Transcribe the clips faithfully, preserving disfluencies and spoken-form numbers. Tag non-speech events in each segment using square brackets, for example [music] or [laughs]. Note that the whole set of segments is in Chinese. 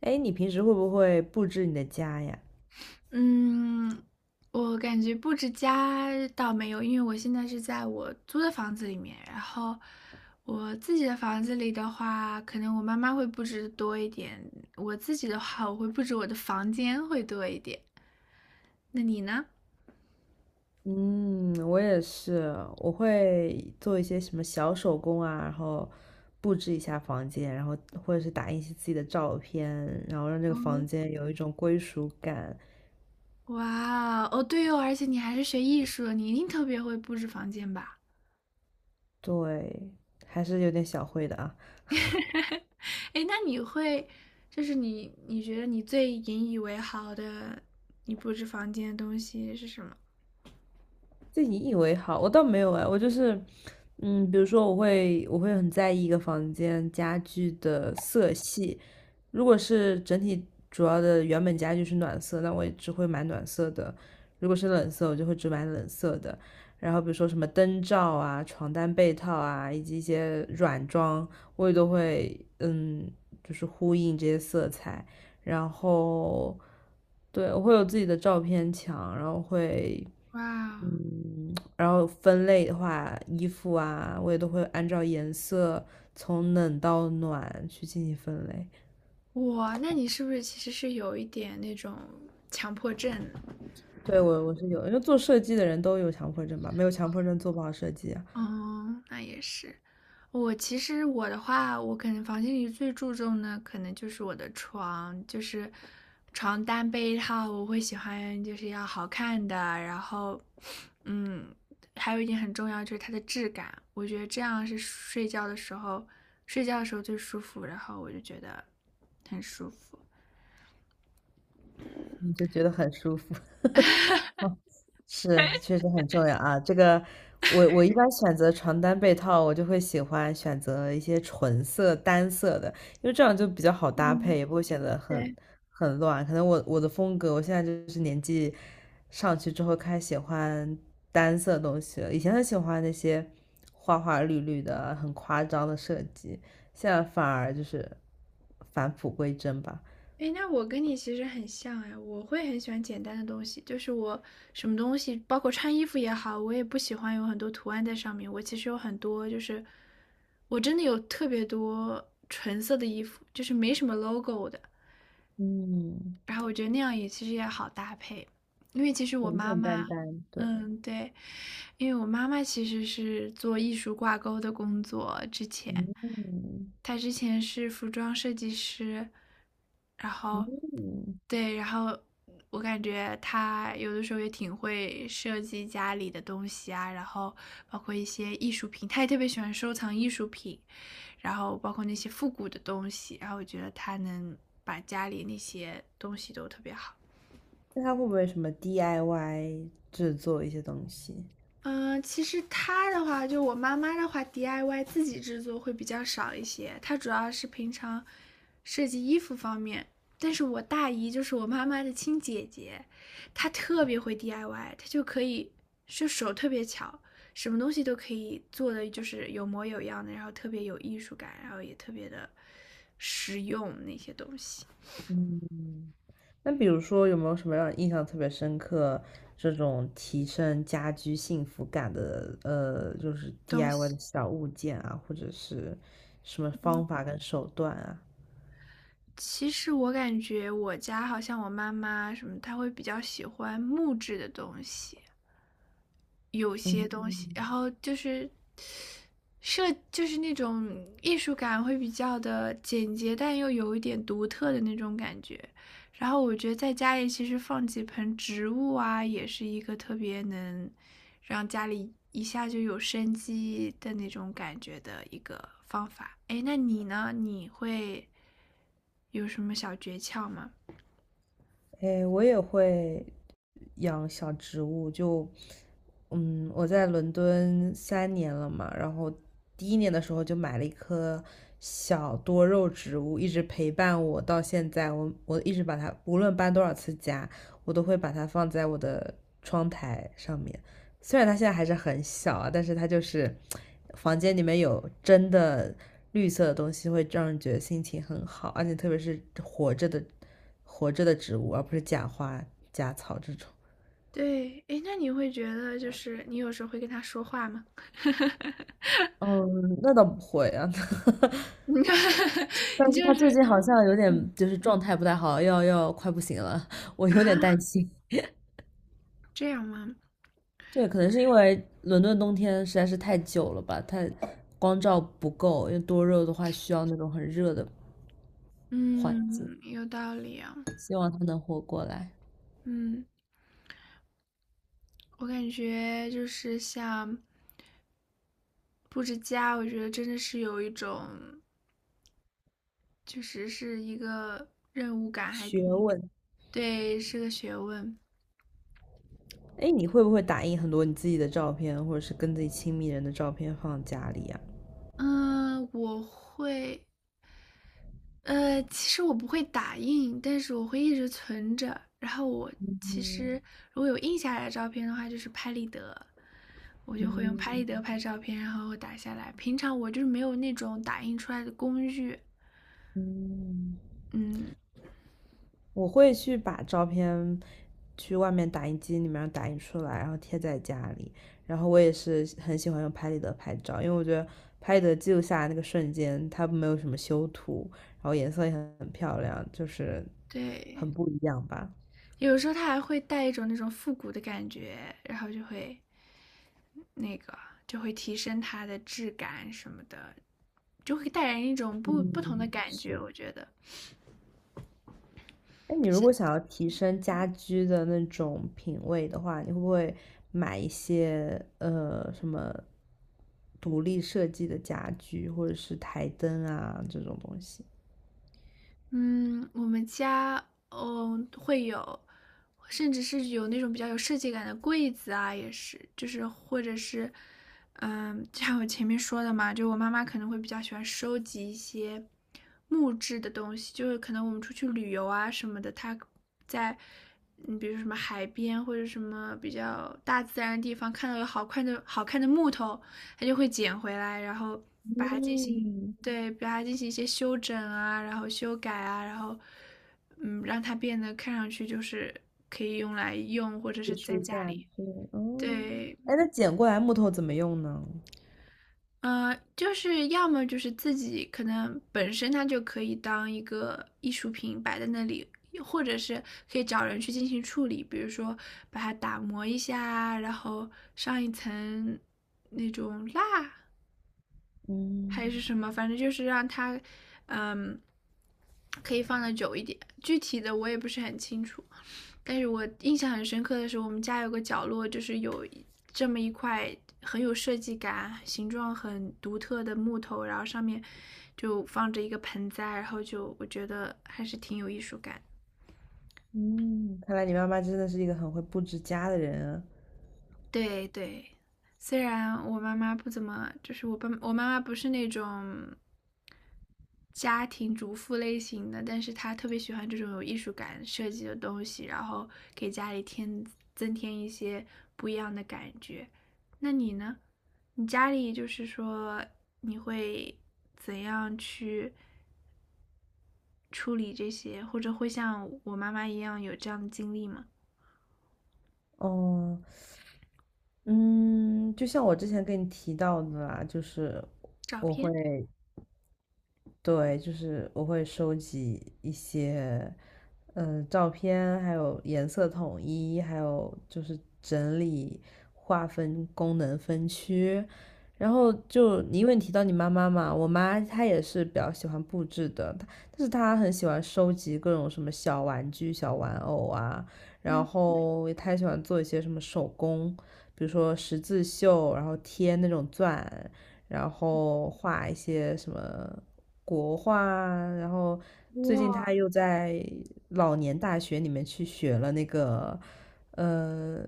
哎，你平时会不会布置你的家呀？嗯，我感觉布置家倒没有，因为我现在是在我租的房子里面，然后我自己的房子里的话，可能我妈妈会布置得多一点，我自己的话，我会布置我的房间会多一点。那你呢？嗯，我也是，我会做一些什么小手工啊，然后布置一下房间，然后或者是打印一些自己的照片，然后让这个房间有一种归属感。哇哦，对哦，而且你还是学艺术的，你一定特别会布置房间吧？对，还是有点小会的啊。[laughs] 哎，那你会，就是你你觉得你最引以为豪的，你布置房间的东西是什么？自你以为好，我倒没有哎，我就是，嗯，比如说我会我会很在意一个房间家具的色系，如果是整体主要的原本家具是暖色，那我也只会买暖色的；如果是冷色，我就会只买冷色的。然后比如说什么灯罩啊、床单被套啊，以及一些软装，我也都会嗯，就是呼应这些色彩。然后对，我会有自己的照片墙，然后会哇嗯，然后分类的话，衣服啊，我也都会按照颜色从冷到暖去进行分类。哇，那你是不是其实是有一点那种强迫症？对，我我是有，因为做设计的人都有强迫症吧，没有强迫症做不好设计啊，嗯，那也是。我其实我的话，我可能房间里最注重的可能就是我的床，就是床单被套，我会喜欢就是要好看的，然后，嗯，还有一点很重要就是它的质感，我觉得这样是睡觉的时候睡觉的时候最舒服，然后我就觉得很舒服。你就觉得很舒服。[laughs] 是，确实很重要啊。这个，我我一般选择床单被套，我就会喜欢选择一些纯色、单色的，因为这样就比较好搭配，嗯，也不会显得很对。很乱。可能我我的风格，我现在就是年纪上去之后开始喜欢单色东西了。以前很喜欢那些花花绿绿的、很夸张的设计，现在反而就是返璞归真吧。哎，那我跟你其实很像哎，我会很喜欢简单的东西，就是我什么东西，包括穿衣服也好，我也不喜欢有很多图案在上面。我其实有很多，就是我真的有特别多纯色的衣服，就是没什么 logo 的。嗯，然后我觉得那样也其实也好搭配，因为其实我简妈简单妈单，对，嗯，对，因为我妈妈其实是做艺术挂钩的工作，之前，嗯她之前是服装设计师，然后，嗯。对，然后我感觉她有的时候也挺会设计家里的东西啊，然后包括一些艺术品，她也特别喜欢收藏艺术品，然后包括那些复古的东西，然后我觉得她能把家里那些东西都特别好。那他会不会什么 D I Y 制作一些东西？嗯，其实她的话，就我妈妈的话，D I Y 自己制作会比较少一些。她主要是平常设计衣服方面，但是我大姨就是我妈妈的亲姐姐，她特别会 D I Y,她就可以就手特别巧，什么东西都可以做的就是有模有样的，然后特别有艺术感，然后也特别的实用那些东西嗯，那比如说有没有什么让你印象特别深刻这种提升家居幸福感的呃，就是 东 D I Y 的西。小物件啊，或者是什么方法跟手段啊？其实我感觉我家好像我妈妈什么，她会比较喜欢木质的东西，有些东西，嗯，然后就是设就是那种艺术感会比较的简洁，但又有一点独特的那种感觉。然后我觉得在家里其实放几盆植物啊，也是一个特别能让家里一下就有生机的那种感觉的一个方法。哎，那你呢？你会有什么小诀窍吗？诶，我也会养小植物，就嗯，我在伦敦三年了嘛，然后第一年的时候就买了一棵小多肉植物，一直陪伴我到现在。我我一直把它，无论搬多少次家，我都会把它放在我的窗台上面。虽然它现在还是很小啊，但是它就是房间里面有真的绿色的东西，会让人觉得心情很好，而且特别是活着的活着的植物，而不是假花、假草这种。对，哎，那你会觉得就是你有时候会跟他说话吗？[laughs] 嗯，那倒不会啊，[laughs] [laughs] 你看，你但是他就是最近好像有嗯点就是状态不太好，要要快不行了，[laughs] 我有点担啊，心。这样吗？[laughs] 对，可能是因为伦敦冬天实在是太久了吧，太光照不够，因为多肉的话需要那种很热的环境。嗯，有道理啊。希望他能活过来。嗯，我感觉就是像布置家，我觉得真的是有一种，确实是一个任务感，还学挺，问，对，是个学问。哎，你会不会打印很多你自己的照片，或者是跟自己亲密人的照片放家里呀？嗯，我会，呃，其实我不会打印，但是我会一直存着。然后我其实如果有印下来的照片的话，就是拍立得，我就会用拍立得嗯拍照片，然后打下来。平常我就是没有那种打印出来的工具，嗯。嗯，我会去把照片去外面打印机里面打印出来，然后贴在家里。然后我也是很喜欢用拍立得拍照，因为我觉得拍立得记录下来那个瞬间，它没有什么修图，然后颜色也很很漂亮，就是对。很不一样吧。有时候它还会带一种那种复古的感觉，然后就会那个就会提升它的质感什么的，就会带人一种不不同的嗯，感觉，是。我觉得。哎，你如果想要提升家居的那种品味的话，你会不会买一些呃什么独立设计的家居，或者是台灯啊这种东西？嗯，我们家，嗯，会有，甚至是有那种比较有设计感的柜子啊，也是，就是或者是，嗯，就像我前面说的嘛，就我妈妈可能会比较喜欢收集一些木质的东西，就是可能我们出去旅游啊什么的，她在，嗯，比如说什么海边或者什么比较大自然的地方看到有好看的好看的木头，她就会捡回来，然后把它进行嗯，对，把它进行一些修整啊，然后修改啊，然后，嗯，让它变得看上去就是可以用来用，或者是艺在术家下里。去哦。对，哎，那捡过来木头怎么用呢？呃，就是要么就是自己可能本身它就可以当一个艺术品摆在那里，或者是可以找人去进行处理，比如说把它打磨一下啊，然后上一层那种蜡，嗯还是什么，反正就是让它，嗯，可以放的久一点。具体的我也不是很清楚，但是我印象很深刻的是，我们家有个角落，就是有这么一块很有设计感、形状很独特的木头，然后上面就放着一个盆栽，然后就我觉得还是挺有艺术感。嗯，看来你妈妈真的是一个很会布置家的人啊对对，虽然我妈妈不怎么，就是我爸我妈妈不是那种家庭主妇类型的，但是他特别喜欢这种有艺术感设计的东西，然后给家里添增添一些不一样的感觉。那你呢？你家里就是说你会怎样去处理这些，或者会像我妈妈一样有这样的经历吗？哦，嗯，就像我之前跟你提到的啦，就是照我会片，对，就是我会收集一些，嗯、照片，还有颜色统一，还有就是整理、划分功能分区。然后就你因为你提到你妈妈嘛，我妈她也是比较喜欢布置的，她但是她很喜欢收集各种什么小玩具、小玩偶啊，然嗯，后她也喜欢做一些什么手工，比如说十字绣，然后贴那种钻，然后画一些什么国画啊然后最近哇，他又在老年大学里面去学了那个，呃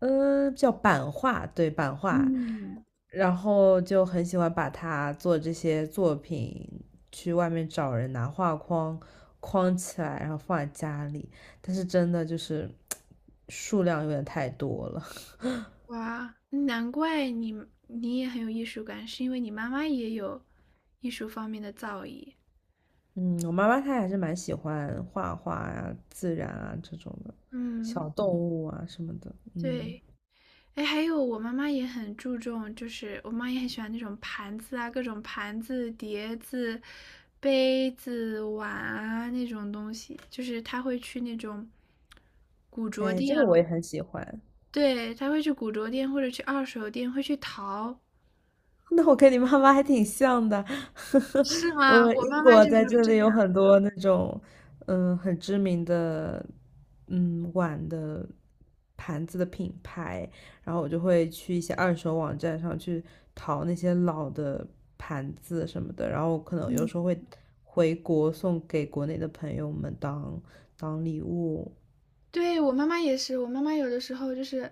呃，叫版画，对，版画，嗯，然后就很喜欢把他做这些作品去外面找人拿画框框起来，然后放在家里，但是真的就是 [tsk] 数量有点太多了。[laughs] 哇，难怪你你也很有艺术感，是因为你妈妈也有艺术方面的造诣。嗯，我妈妈她还是蛮喜欢画画啊、自然啊这种的，嗯。小动物啊什么的。嗯，对，哎，还有我妈妈也很注重，就是我妈也很喜欢那种盘子啊，各种盘子、碟子、杯子、碗啊那种东西，就是她会去那种古着哎，这店个我啊，也很喜欢。对，她会去古着店或者去二手店，会去淘，[laughs] 那我跟你妈妈还挺像的，是吗？我我英妈妈国就在是会这这里有样。很多那种，嗯，很知名的，嗯，碗的盘子的品牌，然后我就会去一些二手网站上去淘那些老的盘子什么的，然后可能有时候会回国送给国内的朋友们当当礼物。对，我妈妈也是，我妈妈有的时候就是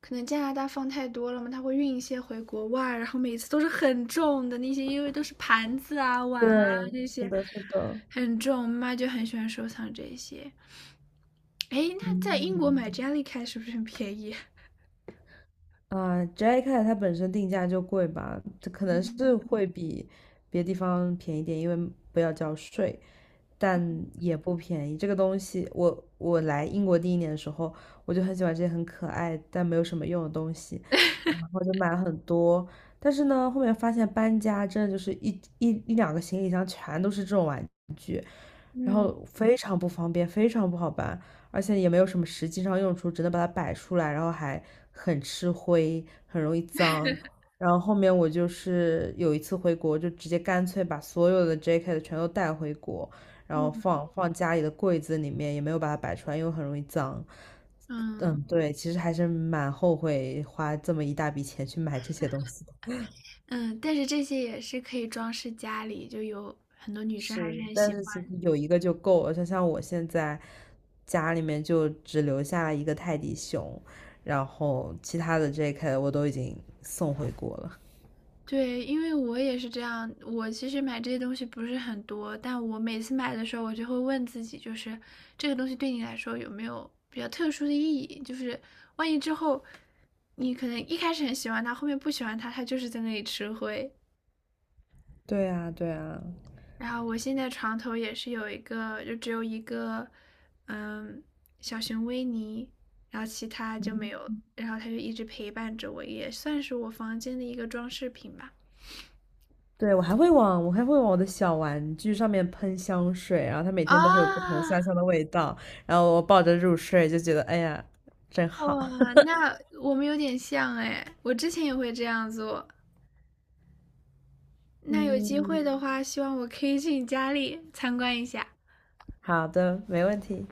可能加拿大放太多了嘛，她会运一些回国外，然后每次都是很重的那些，因为都是盘子啊、碗对，啊那是些的，是的。很重，我妈妈就很喜欢收藏这些。诶，那在英国买 嗯，Jellycat 是不是很便宜？啊，Jacket 它本身定价就贵吧，这可能是嗯会比别的地方便宜点，因为不要交税。但也不便宜。这个东西，我我来英国第一年的时候，我就很喜欢这些很可爱但没有什么用的东西，然后就买了很多。但是呢，后面发现搬家真的就是一一一两个行李箱全都是这种玩具，然嗯后非常不方便，非常不好搬，而且也没有什么实际上用处，只能把它摆出来，然后还很吃灰，很容易脏。然后后面我就是有一次回国，就直接干脆把所有的 J K 的全都带回国，然后嗯放放家里的柜子里面，也没有把它摆出来，因为很容易脏。嗯嗯，对，其实还是蛮后悔花这么一大笔钱去买这些东西的。嗯，但是这些也是可以装饰家里，就有很多女生还是是，很但喜是其实有一个就够了。就像我现在家里面就只留下了一个泰迪熊，然后其他的 J K 我都已经送回国了。对，因为我也是这样，我其实买这些东西不是很多，但我每次买的时候，我就会问自己，就是这个东西对你来说有没有比较特殊的意义？就是万一之后你可能一开始很喜欢它，后面不喜欢它，它就是在那里吃灰。对啊，对啊，然后我现在床头也是有一个，就只有一个，嗯，小熊维尼，然后其他就没有了然后它就一直陪伴着我，也算是我房间的一个装饰品吧。对，我还会往我还会往我的小玩具上面喷香水，然后它每啊，天都会有不同香香的味道，然后我抱着入睡就觉得哎呀，真好。哇，[laughs] 那我们有点像哎，我之前也会这样做。那有机会的嗯，话，希望我可以去你家里参观一下。好的，没问题。